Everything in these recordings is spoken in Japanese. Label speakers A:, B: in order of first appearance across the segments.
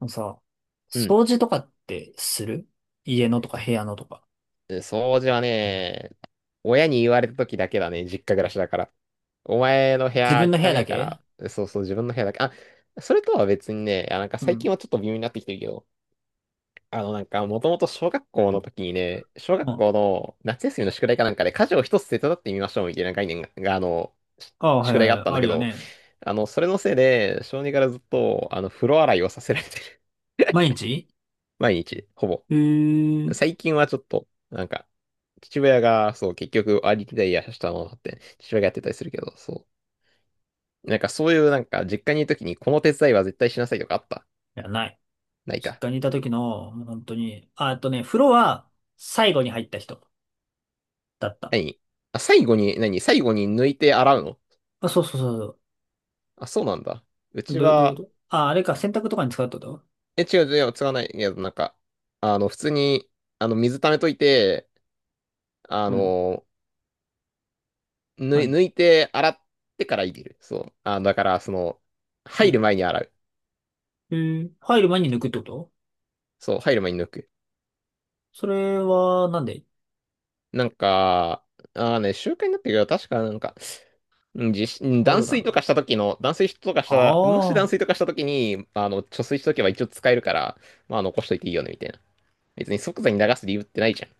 A: あのさ、
B: うん。
A: 掃除とかってする？家のとか部屋のとか。
B: で掃除はね、親に言われた時だけだね、実家暮らしだから。お前の部
A: 自分
B: 屋
A: の部
B: 汚
A: 屋
B: ね
A: だ
B: えか
A: け。
B: ら、そうそう、自分の部屋だけ。あ、それとは別にね、あ、なんか
A: う
B: 最
A: ん。
B: 近はちょっと微妙になってきてるけど、なんか、もともと小学校の時にね、小
A: う
B: 学校
A: ん。
B: の夏休みの宿題かなんかで家事を一つ手伝ってみましょうみたいな概念が、があの、し
A: ああ、はい
B: 宿
A: はい
B: 題があ
A: は
B: っ
A: い、
B: たん
A: あ
B: だ
A: る
B: け
A: よ
B: ど、
A: ね。
B: それのせいで、小児からずっと、風呂洗いをさせられてる。
A: 毎日。
B: 毎日、ほぼ。
A: うーい。
B: 最近はちょっと、なんか、父親が、そう、結局、ありきでいやしたものって、父親がやってたりするけど、そう。なんかそういう、なんか、実家にいるときに、この手伝いは絶対しなさいとかあった？
A: や、ない。
B: ない
A: 実
B: か。
A: 家にいた時の、もう本当に。あ、あとね、風呂は最後に入った人だった。
B: 何？あ、最後に、何最後に抜いて洗うの？
A: あ、そうそうそう
B: あ、そうなんだ。う
A: そう。
B: ち
A: どういう
B: は、
A: こと？あ、あれか、洗濯とかに使うってこと？
B: 違う、違う、違わないけど、なんか、普通に、水溜めといて、あ
A: うん。
B: の、
A: 何？
B: 抜いて洗ってから入れる。そう。あ、だから、
A: う
B: 入る
A: ん。
B: 前に洗う。
A: えー、入る前に抜くってこと？
B: そう、入る前に抜く。
A: それは、なんで？
B: なんか、ああね、習慣になってるけど、確かなんか、うん地震
A: ああいう
B: 断
A: ことなん
B: 水
A: の？
B: とかした時の、断水とかし
A: あ
B: たら、もし
A: あ
B: 断
A: ー。
B: 水とかした時に、貯水しとけば一応使えるから、まあ残しといていいよね、みたいな。別に即座に流す理由ってないじゃん。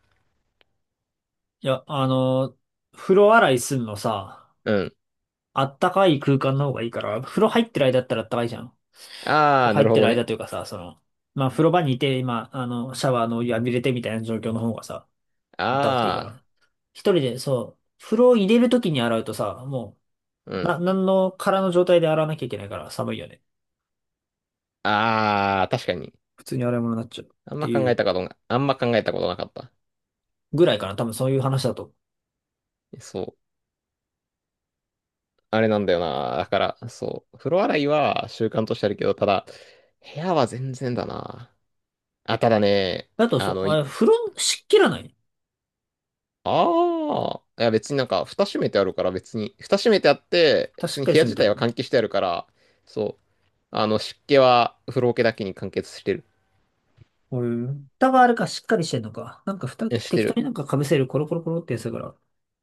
A: いや、風呂洗いすんのさ、
B: うん。
A: あったかい空間の方がいいから、風呂入ってる間だったらあったかいじゃん。風
B: あ
A: 呂
B: あ、な
A: 入
B: る
A: っ
B: ほ
A: て
B: ど
A: る
B: ね。
A: 間というかさ、まあ風呂場にいて、今、シャワーのお湯浴びれてみたいな状況の方がさ、まあったかくていいか
B: あ
A: ら。
B: あ、
A: 一人で、そう、風呂を入れる時に洗うとさ、も
B: う
A: う、
B: ん。
A: なんの空の状態で洗わなきゃいけないから寒いよね。
B: ああ、確かに。
A: 普通に洗い物になっちゃうっ
B: あん
A: て
B: ま
A: い
B: 考え
A: う
B: たことな、あんま考えたことなかった。
A: ぐらいかな。多分そういう話だと。
B: そう。あれなんだよな。だから、そう。風呂洗いは習慣としてあるけど、ただ、部屋は全然だな。あ、ただね、
A: だと、そ
B: あ
A: う、
B: の、い
A: あ、風呂湿気らない？
B: ああ。いや、別になんか、蓋閉めてあるから、別に、蓋閉めてあって、
A: 蓋
B: 普
A: し
B: 通
A: っ
B: に
A: かり
B: 部屋
A: 閉め
B: 自
A: て
B: 体
A: る？
B: は換気してあるから、そう。湿気は風呂桶だけに完結してる。
A: うん。蓋があるかしっかりしてんのか。なんか蓋
B: して
A: 適当
B: る。
A: になんか被せるコロコロコロってやつだから、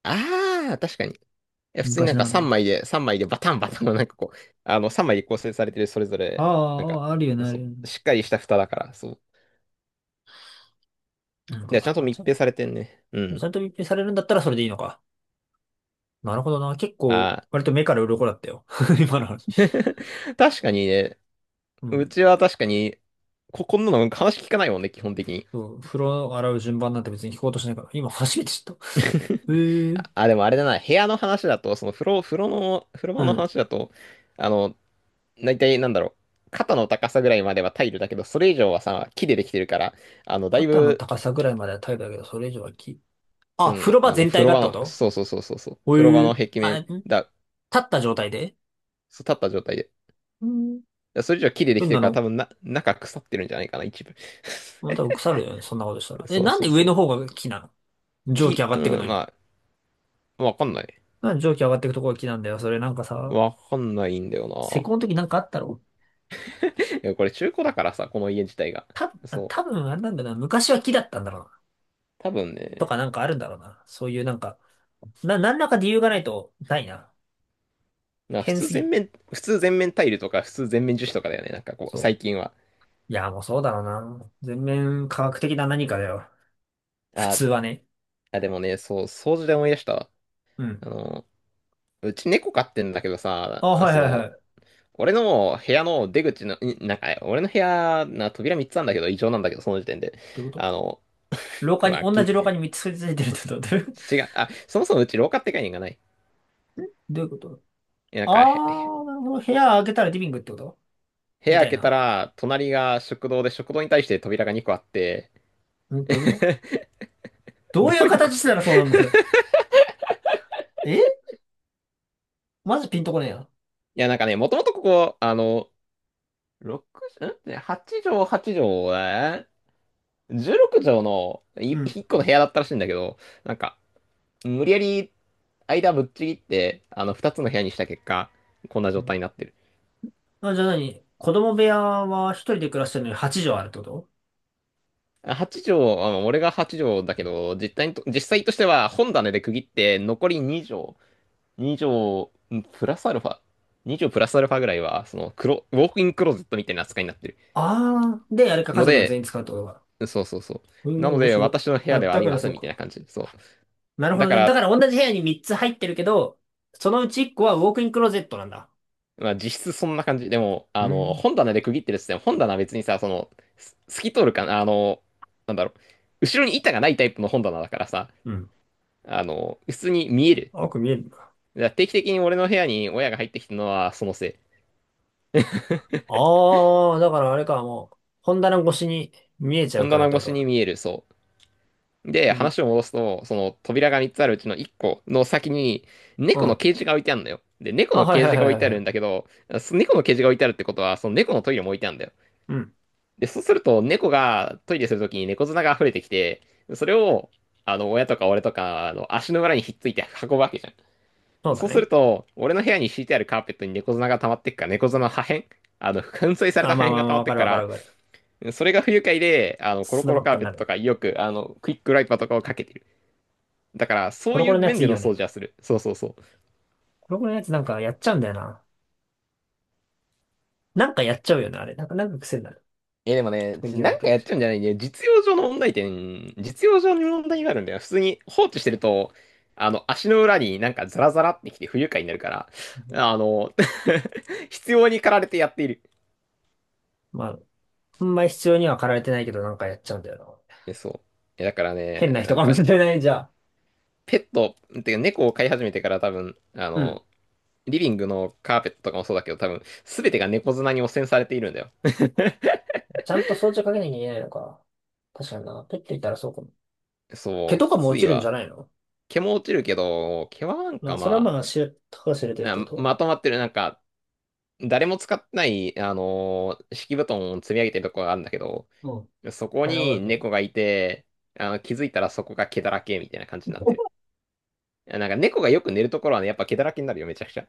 B: ああ、確かに。いや、普通にな
A: 昔
B: ん
A: な
B: か
A: がらの
B: 3
A: やつ。
B: 枚で、3枚でバタンバタンのなんかこう、3枚で構成されてる、それぞ
A: あ
B: れ、なん
A: あ、
B: か、
A: あああるよね、ある
B: そ
A: よ
B: う、
A: ね。
B: しっかりした蓋だから、そう。
A: なん
B: いや、ちゃん
A: か、
B: と密閉されてんね。う
A: ちゃ
B: ん。
A: んと密閉されるんだったらそれでいいのか。なるほどな。結構、
B: あ
A: 割と目から鱗だったよ。今の話。
B: あ。確かにね、
A: う
B: う
A: ん。
B: ちは確かに、こんなの話聞かないもんね、基本的に。
A: そう、風呂洗う順番なんて別に聞こうとしないから、今初めて知った。ええ。
B: あ、あ。 でもあれだな、部屋の話だと、風呂
A: う
B: 場の
A: ん。
B: 話だと、あの、大体なんだろう、肩の高さぐらいまではタイルだけど、それ以上はさ、木でできてるから、だい
A: 肩の
B: ぶ、
A: 高さぐらいまでは耐えたけど、それ以上はき。
B: う
A: あ、風
B: ん、
A: 呂場全
B: 風
A: 体
B: 呂
A: が
B: 場
A: ってこ
B: の、
A: と？
B: そうそうそうそうそう、
A: おえ
B: 風呂場の
A: ー
B: 壁
A: あ、
B: 面
A: ん立
B: だ、
A: った状態で？
B: そう立った状態で、
A: うん。
B: それ以上木ででき
A: 変
B: て
A: な
B: るから、
A: の。
B: 多分な、中腐ってるんじゃないかな、一部。
A: まあ多分腐るよね、そんなことしたら。え、
B: そう
A: なん
B: そ
A: で
B: う
A: 上
B: そ
A: の
B: う。
A: 方が木なの？蒸気
B: 木、
A: 上がってく
B: う
A: の
B: ん、
A: に。
B: まあ、わかんない。
A: なんで蒸気上がっていくとこが木なんだよ。それなんかさ、
B: わかんないんだよ
A: 施工の時なんかあったろ？
B: な。いや、これ中古だからさ、この家自体が。
A: た、
B: そう。
A: 多分あれなんだな。昔は木だったんだろうな。
B: 多分
A: と
B: ね。
A: かなんかあるんだろうな。そういうなんか、何らか理由がないと、ないな。
B: まあ
A: 変すぎる。
B: 普通全面タイルとか、普通全面樹脂とかだよね。なんかこう、
A: そ
B: 最近は。
A: う。いや、もうそうだろうな。全面科学的な何かだよ。普
B: あ、
A: 通はね。
B: あ、でもね、そう、掃除で思い出したわ。
A: うん。
B: あの、うち猫飼ってんだけどさ、
A: あ、はいはいはい。
B: 俺の部屋の出口の、なんか、俺の部屋、扉3つあんだけど、異常なんだけど、その時点で。
A: どういうこと？
B: あの、
A: 廊下に、
B: まあ、
A: 同じ廊下に3つくっついてるってこと？どういう？
B: 違う、あ、そもそもうち廊下って概念がない。
A: どういうこと？
B: いやなん
A: あ
B: か、
A: ー、なるほど。部屋開けたらリビングってこと？
B: 部
A: み
B: 屋
A: た
B: 開
A: い
B: けた
A: な。
B: ら、隣が食堂で、食堂に対して扉が2個あって、
A: うん、どういうこと？ どう
B: ど
A: いう
B: ういうこ
A: 形し
B: と？
A: たらそうなんの？それ。え、まずピンとこねえや。
B: いや、なんかね、もともとここ、6畳、8 畳、8畳、え16畳の
A: うん。
B: 1個の部屋だったらしいんだけど、なんか、無理やり間ぶっちぎって、2つの部屋にした結果、こんな
A: う
B: 状
A: ん。
B: 態になってる。
A: あ、じゃあ何？子供部屋は一人で暮らしてるのに8畳あるってこと？
B: あ8畳、まあ、俺が8畳だけど、実際としては本棚で区切って、残り2畳、2畳、プラスアルファ、2畳プラスアルファぐらいは、その、ウォークインクローゼットみたいな扱いになってる。
A: ああー、で、あれか、家
B: の
A: 族が全
B: で、
A: 員使うってことか。
B: そうそうそ
A: う
B: う。な
A: ん、
B: の
A: 面
B: で、
A: 白い。
B: 私の部屋
A: あ、
B: ではあ
A: だ
B: り
A: から
B: ませ
A: そ
B: ん、
A: う
B: みた
A: か。
B: いな感じ。そ
A: なる
B: う。
A: ほ
B: だ
A: ど
B: か
A: ね。だ
B: ら、
A: から同じ部屋に3つ入ってるけど、そのうち1個はウォークインクローゼットなんだ。
B: まあ実質そんな感じ。でも、
A: うん。
B: 本棚で区切ってるっつっても、本棚は別にさ、その、透き通るかな、なんだろう、後ろに板がないタイプの本棚だからさ、
A: うん。
B: 普通に見える。
A: よく見えるな。
B: だから定期的に俺の部屋に親が入ってきたのはそのせい。
A: ああ、だからあれか、もう、本棚越しに見えちゃう
B: 本
A: から
B: 棚
A: って
B: 越
A: こ
B: し
A: と
B: に
A: か。
B: 見える、そう。で、
A: うん。
B: 話を戻すと、その扉が3つあるうちの1個の先に、
A: う
B: 猫の
A: ん。
B: ケージが置いてあるんだよ。で、猫
A: あ、
B: の
A: はい
B: ケー
A: はい
B: ジ
A: は
B: が
A: い
B: 置い
A: は
B: てあ
A: いは
B: るん
A: い。
B: だけど、猫のケージが置いてあるってことは、その猫のトイレも置いてあるんだよ。
A: うん。
B: で、そうすると、猫がトイレするときに猫砂が溢れてきて、それを、親とか俺とか、足の裏にひっついて運ぶわけじゃ
A: そ
B: ん。
A: うだ
B: そうす
A: ね。
B: ると、俺の部屋に敷いてあるカーペットに猫砂が溜まってくから、猫砂の破片、粉砕された
A: あ、
B: 破
A: まあ
B: 片
A: まあ
B: が
A: ま
B: 溜
A: あ、
B: まっ
A: わ
B: て
A: か
B: く
A: る
B: か
A: わか
B: ら、
A: るわかる。
B: それが不愉快で、コロ
A: 砂
B: コロ
A: ばっ
B: カ
A: か
B: ー
A: に
B: ペ
A: な
B: ットと
A: る。
B: か、よく、クイックワイパーとかをかけてる。だから、そ
A: コ
B: う
A: ロ
B: い
A: コ
B: う
A: ロのや
B: 面
A: つい
B: で
A: い
B: の
A: よね。
B: 掃除はする。そうそうそう。
A: 黒子のやつなんかやっちゃうんだよな。なんかやっちゃうよね、あれ。なんか癖になる。
B: え、でもね、
A: 特に留
B: なん
A: 学
B: か
A: っ
B: やっ
A: ちゃ
B: ちゃうんじゃないね。実用上の問題点、実用上に問題があるんだよ。普通に放置してると、足の裏になんかザラザラってきて不愉快になるから、
A: う。
B: あの、必要に駆られてやっている。
A: まあ、ほんまに必要には駆られてないけど、なんかやっちゃうんだよな。
B: え、そう。え、だから
A: 変
B: ね、
A: な人
B: なん
A: かも
B: か、
A: しれない、じゃあ。
B: ペット、てか猫を飼い始めてから多分、
A: うん。
B: リビングのカーペットとかもそうだけど、多分、すべてが猫砂に汚染されているんだよ。
A: ちゃんと装置をかけなきゃいけないのか。確かにな。ペッていたらそうかも。毛
B: そ
A: と
B: う、
A: か
B: き
A: も
B: つ
A: 落
B: い
A: ちるんじゃ
B: わ。
A: ないの？
B: 毛も落ちるけど、毛はなん
A: まあ、
B: か
A: それは
B: まあ、
A: まあ、たかが知れてるってことは。
B: まとまってる、なんか、誰も使ってない、敷布団を積み上げてるとこがあるんだけど、
A: もうん。
B: そこ
A: 大変なことな
B: に
A: んだよ。
B: 猫がいて、気づいたらそこが毛だらけみたいな感じになってる。いやなんか猫がよく寝るところはね、やっぱ毛だらけになるよ、めちゃくちゃ。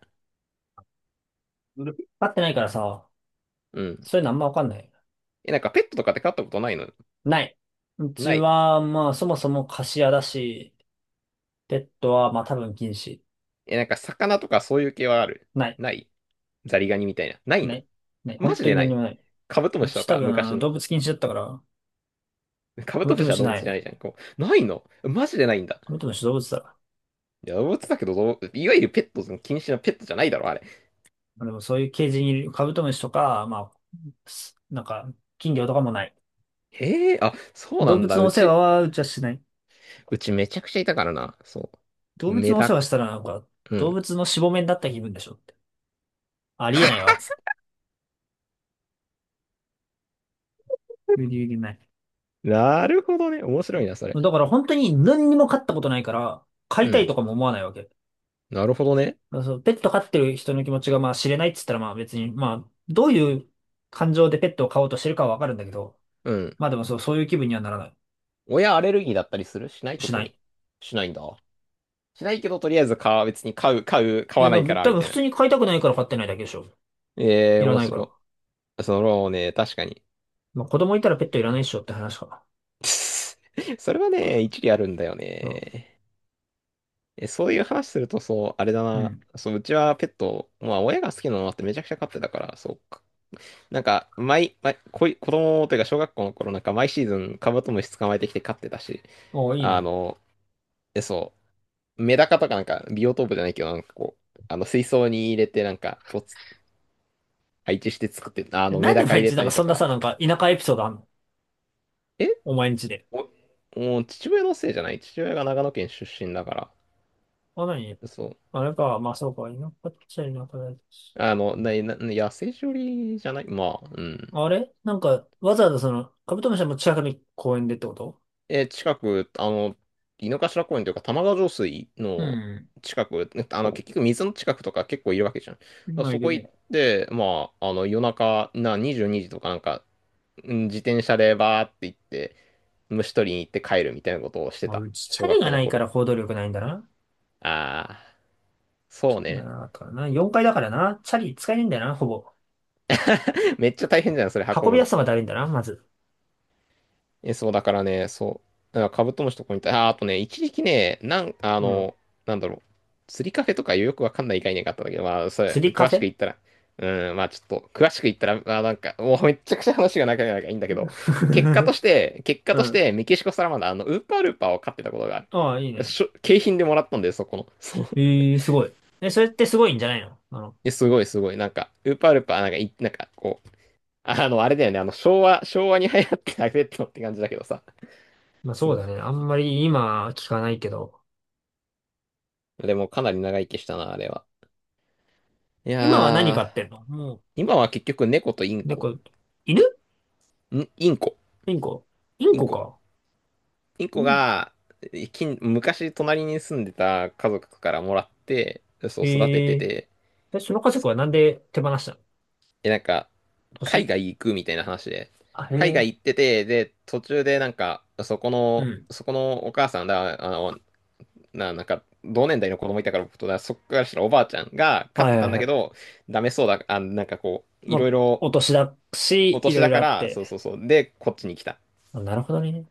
A: 飼ってないからさ、
B: うん。
A: そういうのあんまわかんない。
B: え、なんかペットとかって飼ったことないの？
A: ない。うち
B: ない。
A: は、まあ、そもそも貸し屋だし、ペットは、まあ、多分禁止。
B: え、なんか魚とかそういう系はある？
A: ない。
B: ない？ザリガニみたいな。ない
A: な
B: の？
A: い。ない。
B: マ
A: 本
B: ジ
A: 当
B: で
A: に
B: な
A: 何に
B: い？
A: もない。
B: カブトム
A: う
B: シと
A: ち多
B: か
A: 分、
B: 昔の。
A: 動物禁止だったから、
B: カ
A: カ
B: ブ
A: ブ
B: ト
A: ト
B: ム
A: ム
B: シは
A: シ
B: 動
A: な
B: 物じゃな
A: い。
B: いじゃん。こう、ないの？マジでないんだ。
A: カブトムシ動物だ。
B: いや、動物だけど、いわゆるペット禁止のペットじゃないだろ、あれ。
A: まあでもそういうケージにいるカブトムシとか、まあ、なんか、金魚とかもない。
B: へえ、あ、そうな
A: 動
B: ん
A: 物
B: だ。
A: の
B: う
A: お世話
B: ち、
A: はうちはしない。
B: うちめちゃくちゃいたからな。そう。
A: 動物のお世話したらなんか、
B: う
A: 動
B: ん。
A: 物のしぼめになった気分でしょって。ありえない わ、つって。無理無理ない。
B: なるほどね。面白いな、それ。
A: だから本当に何にも飼ったことないから、飼
B: う
A: いたい
B: ん。
A: とかも思わないわけ。だ
B: なるほどね。
A: からそう、ペット飼ってる人の気持ちがまあ知れないっつったらまあ別に、まあ、どういう感情でペットを飼おうとしてるかはわかるんだけど、
B: うん。
A: まあでもそう、そういう気分にはならない。
B: 親アレルギーだったりするしない、
A: し
B: 特
A: ない。
B: に？しないんだ。しないけど、とりあえず買う、別に買う、買う、買
A: い
B: わ
A: や、
B: な
A: で
B: いか
A: も
B: ら、
A: 多
B: み
A: 分
B: たい
A: 普
B: な。
A: 通に飼いたくないから飼ってないだけでしょ。
B: ええ、
A: いら
B: 面
A: ないから。
B: 白い。そのね、確かに。
A: まあ子供いたらペットいらないでしょって話かな。
B: それはね、一理あるんだよ
A: そ
B: ね。そういう話すると、そう、あれだ
A: う。う
B: な。
A: ん。
B: そう、うちはペット、まあ、親が好きなのもあってめちゃくちゃ飼ってたから、そう、なんか、毎、毎、こい、子供というか小学校の頃なんか毎シーズンカブトムシ捕まえてきて飼ってたし、
A: おーいい
B: あ
A: ね。
B: の、え、そう、メダカとかなんかビオトープじゃないけど、水槽に入れてなんかこうつ、配置して作って、あの
A: な
B: メ
A: んで
B: ダカ入
A: 毎
B: れ
A: 日なん
B: た
A: か
B: り
A: そ
B: と
A: んな
B: か、
A: さ、なんか田舎エピソードあんの？
B: え
A: お前んちで。
B: お、もう父親のせいじゃない、父親が長野県出身だか
A: あ、なに？
B: ら、そう。
A: あれか、まあそうか、田舎っちゃ田舎だし。
B: あの、な、な、野生処理じゃない、まあ、うん。
A: あれなんか、わざわざカブトムシはもう近くの公園でってこと？
B: え、近く、あの、井の頭公園というか、玉川上水
A: う
B: の
A: ん。
B: 近く、ねあの、結局水の近くとか結構いるわけじゃん。だから
A: まあい
B: そ
A: る
B: こ行っ
A: ね。
B: て、まあ、あの、夜中、22時とかなんか、うん、自転車でバーって行って、虫取りに行って帰るみたいなことをして
A: まあ、
B: た。
A: うちチャ
B: 小
A: リ
B: 学
A: が
B: 校の
A: ないか
B: 頃。
A: ら行動力ないんだな。
B: ああ、そ
A: チ
B: う
A: ャリが
B: ね。
A: なかったからな。4階だからな。チャリ使えねえんだよな、ほぼ。
B: めっちゃ大変じゃん、それ運
A: 運
B: ぶ
A: びや
B: の。
A: すさがだるいんだな、まず。
B: そう、だからね、そう、だからカブトムシとこにニたあー、あとね、一時期ね、なん、あ
A: うん。
B: の、なんだろう、釣りカフェとかよくわかんない概念があったんだけど、まあ、それ、
A: 釣りカ
B: 詳
A: フ
B: しく
A: ェ？
B: 言ったら、うん、まあちょっと、詳しく言ったら、まあなんか、もうめっちゃくちゃ話が長いからいいんだけど、結果と して、結果
A: う
B: とし
A: ん。
B: て、メキシコサラマンダー、あの、ウーパールーパーを飼ってたことがあ
A: ああ、いい
B: る。
A: ね。
B: 景品でもらったんだよ、そこの。そう。
A: ええすごい。え、それってすごいんじゃないの？
B: え、すごい、すごい。なんか、ウーパールーパー、なんかい、なんか、こう、あの、あれだよね、あの、昭和に流行ってたペットって感じだけどさ。
A: まあそ
B: そ
A: う
B: う。
A: だね。あんまり今聞かないけど。
B: でもかなり長生きしたな、あれは。い
A: 今は何
B: や
A: 飼
B: ー、
A: ってんの？も
B: 今は結局猫とイン
A: う、
B: コ。
A: 猫、犬？
B: んインコ。
A: インコ？イン
B: イン
A: コ
B: コ。
A: か。
B: イン
A: イ
B: コ
A: ン、
B: が、近昔隣に住んでた家族からもらって、そう育てて
A: ええ？
B: て、
A: で、その家族はなんで手放したの？
B: え、なんか、海
A: 年？
B: 外行くみたいな話で、
A: あ、へ
B: 海
A: え。
B: 外行ってて、で、途中でなんか、
A: うん。
B: そこのお母さんだ、同年代の子供いたから僕とだ、そっからしたらおばあちゃんが飼っ
A: はい
B: て
A: は
B: たん
A: い
B: だ
A: は
B: け
A: い。
B: ど、ダメそうだ、あ、なんかこう、い
A: まあ、
B: ろいろ、
A: お年だ
B: お
A: し、い
B: 年
A: ろい
B: だ
A: ろ
B: か
A: あっ
B: ら、そうそ
A: て。
B: うそう。で、こっちに来た。
A: あ、なるほどね。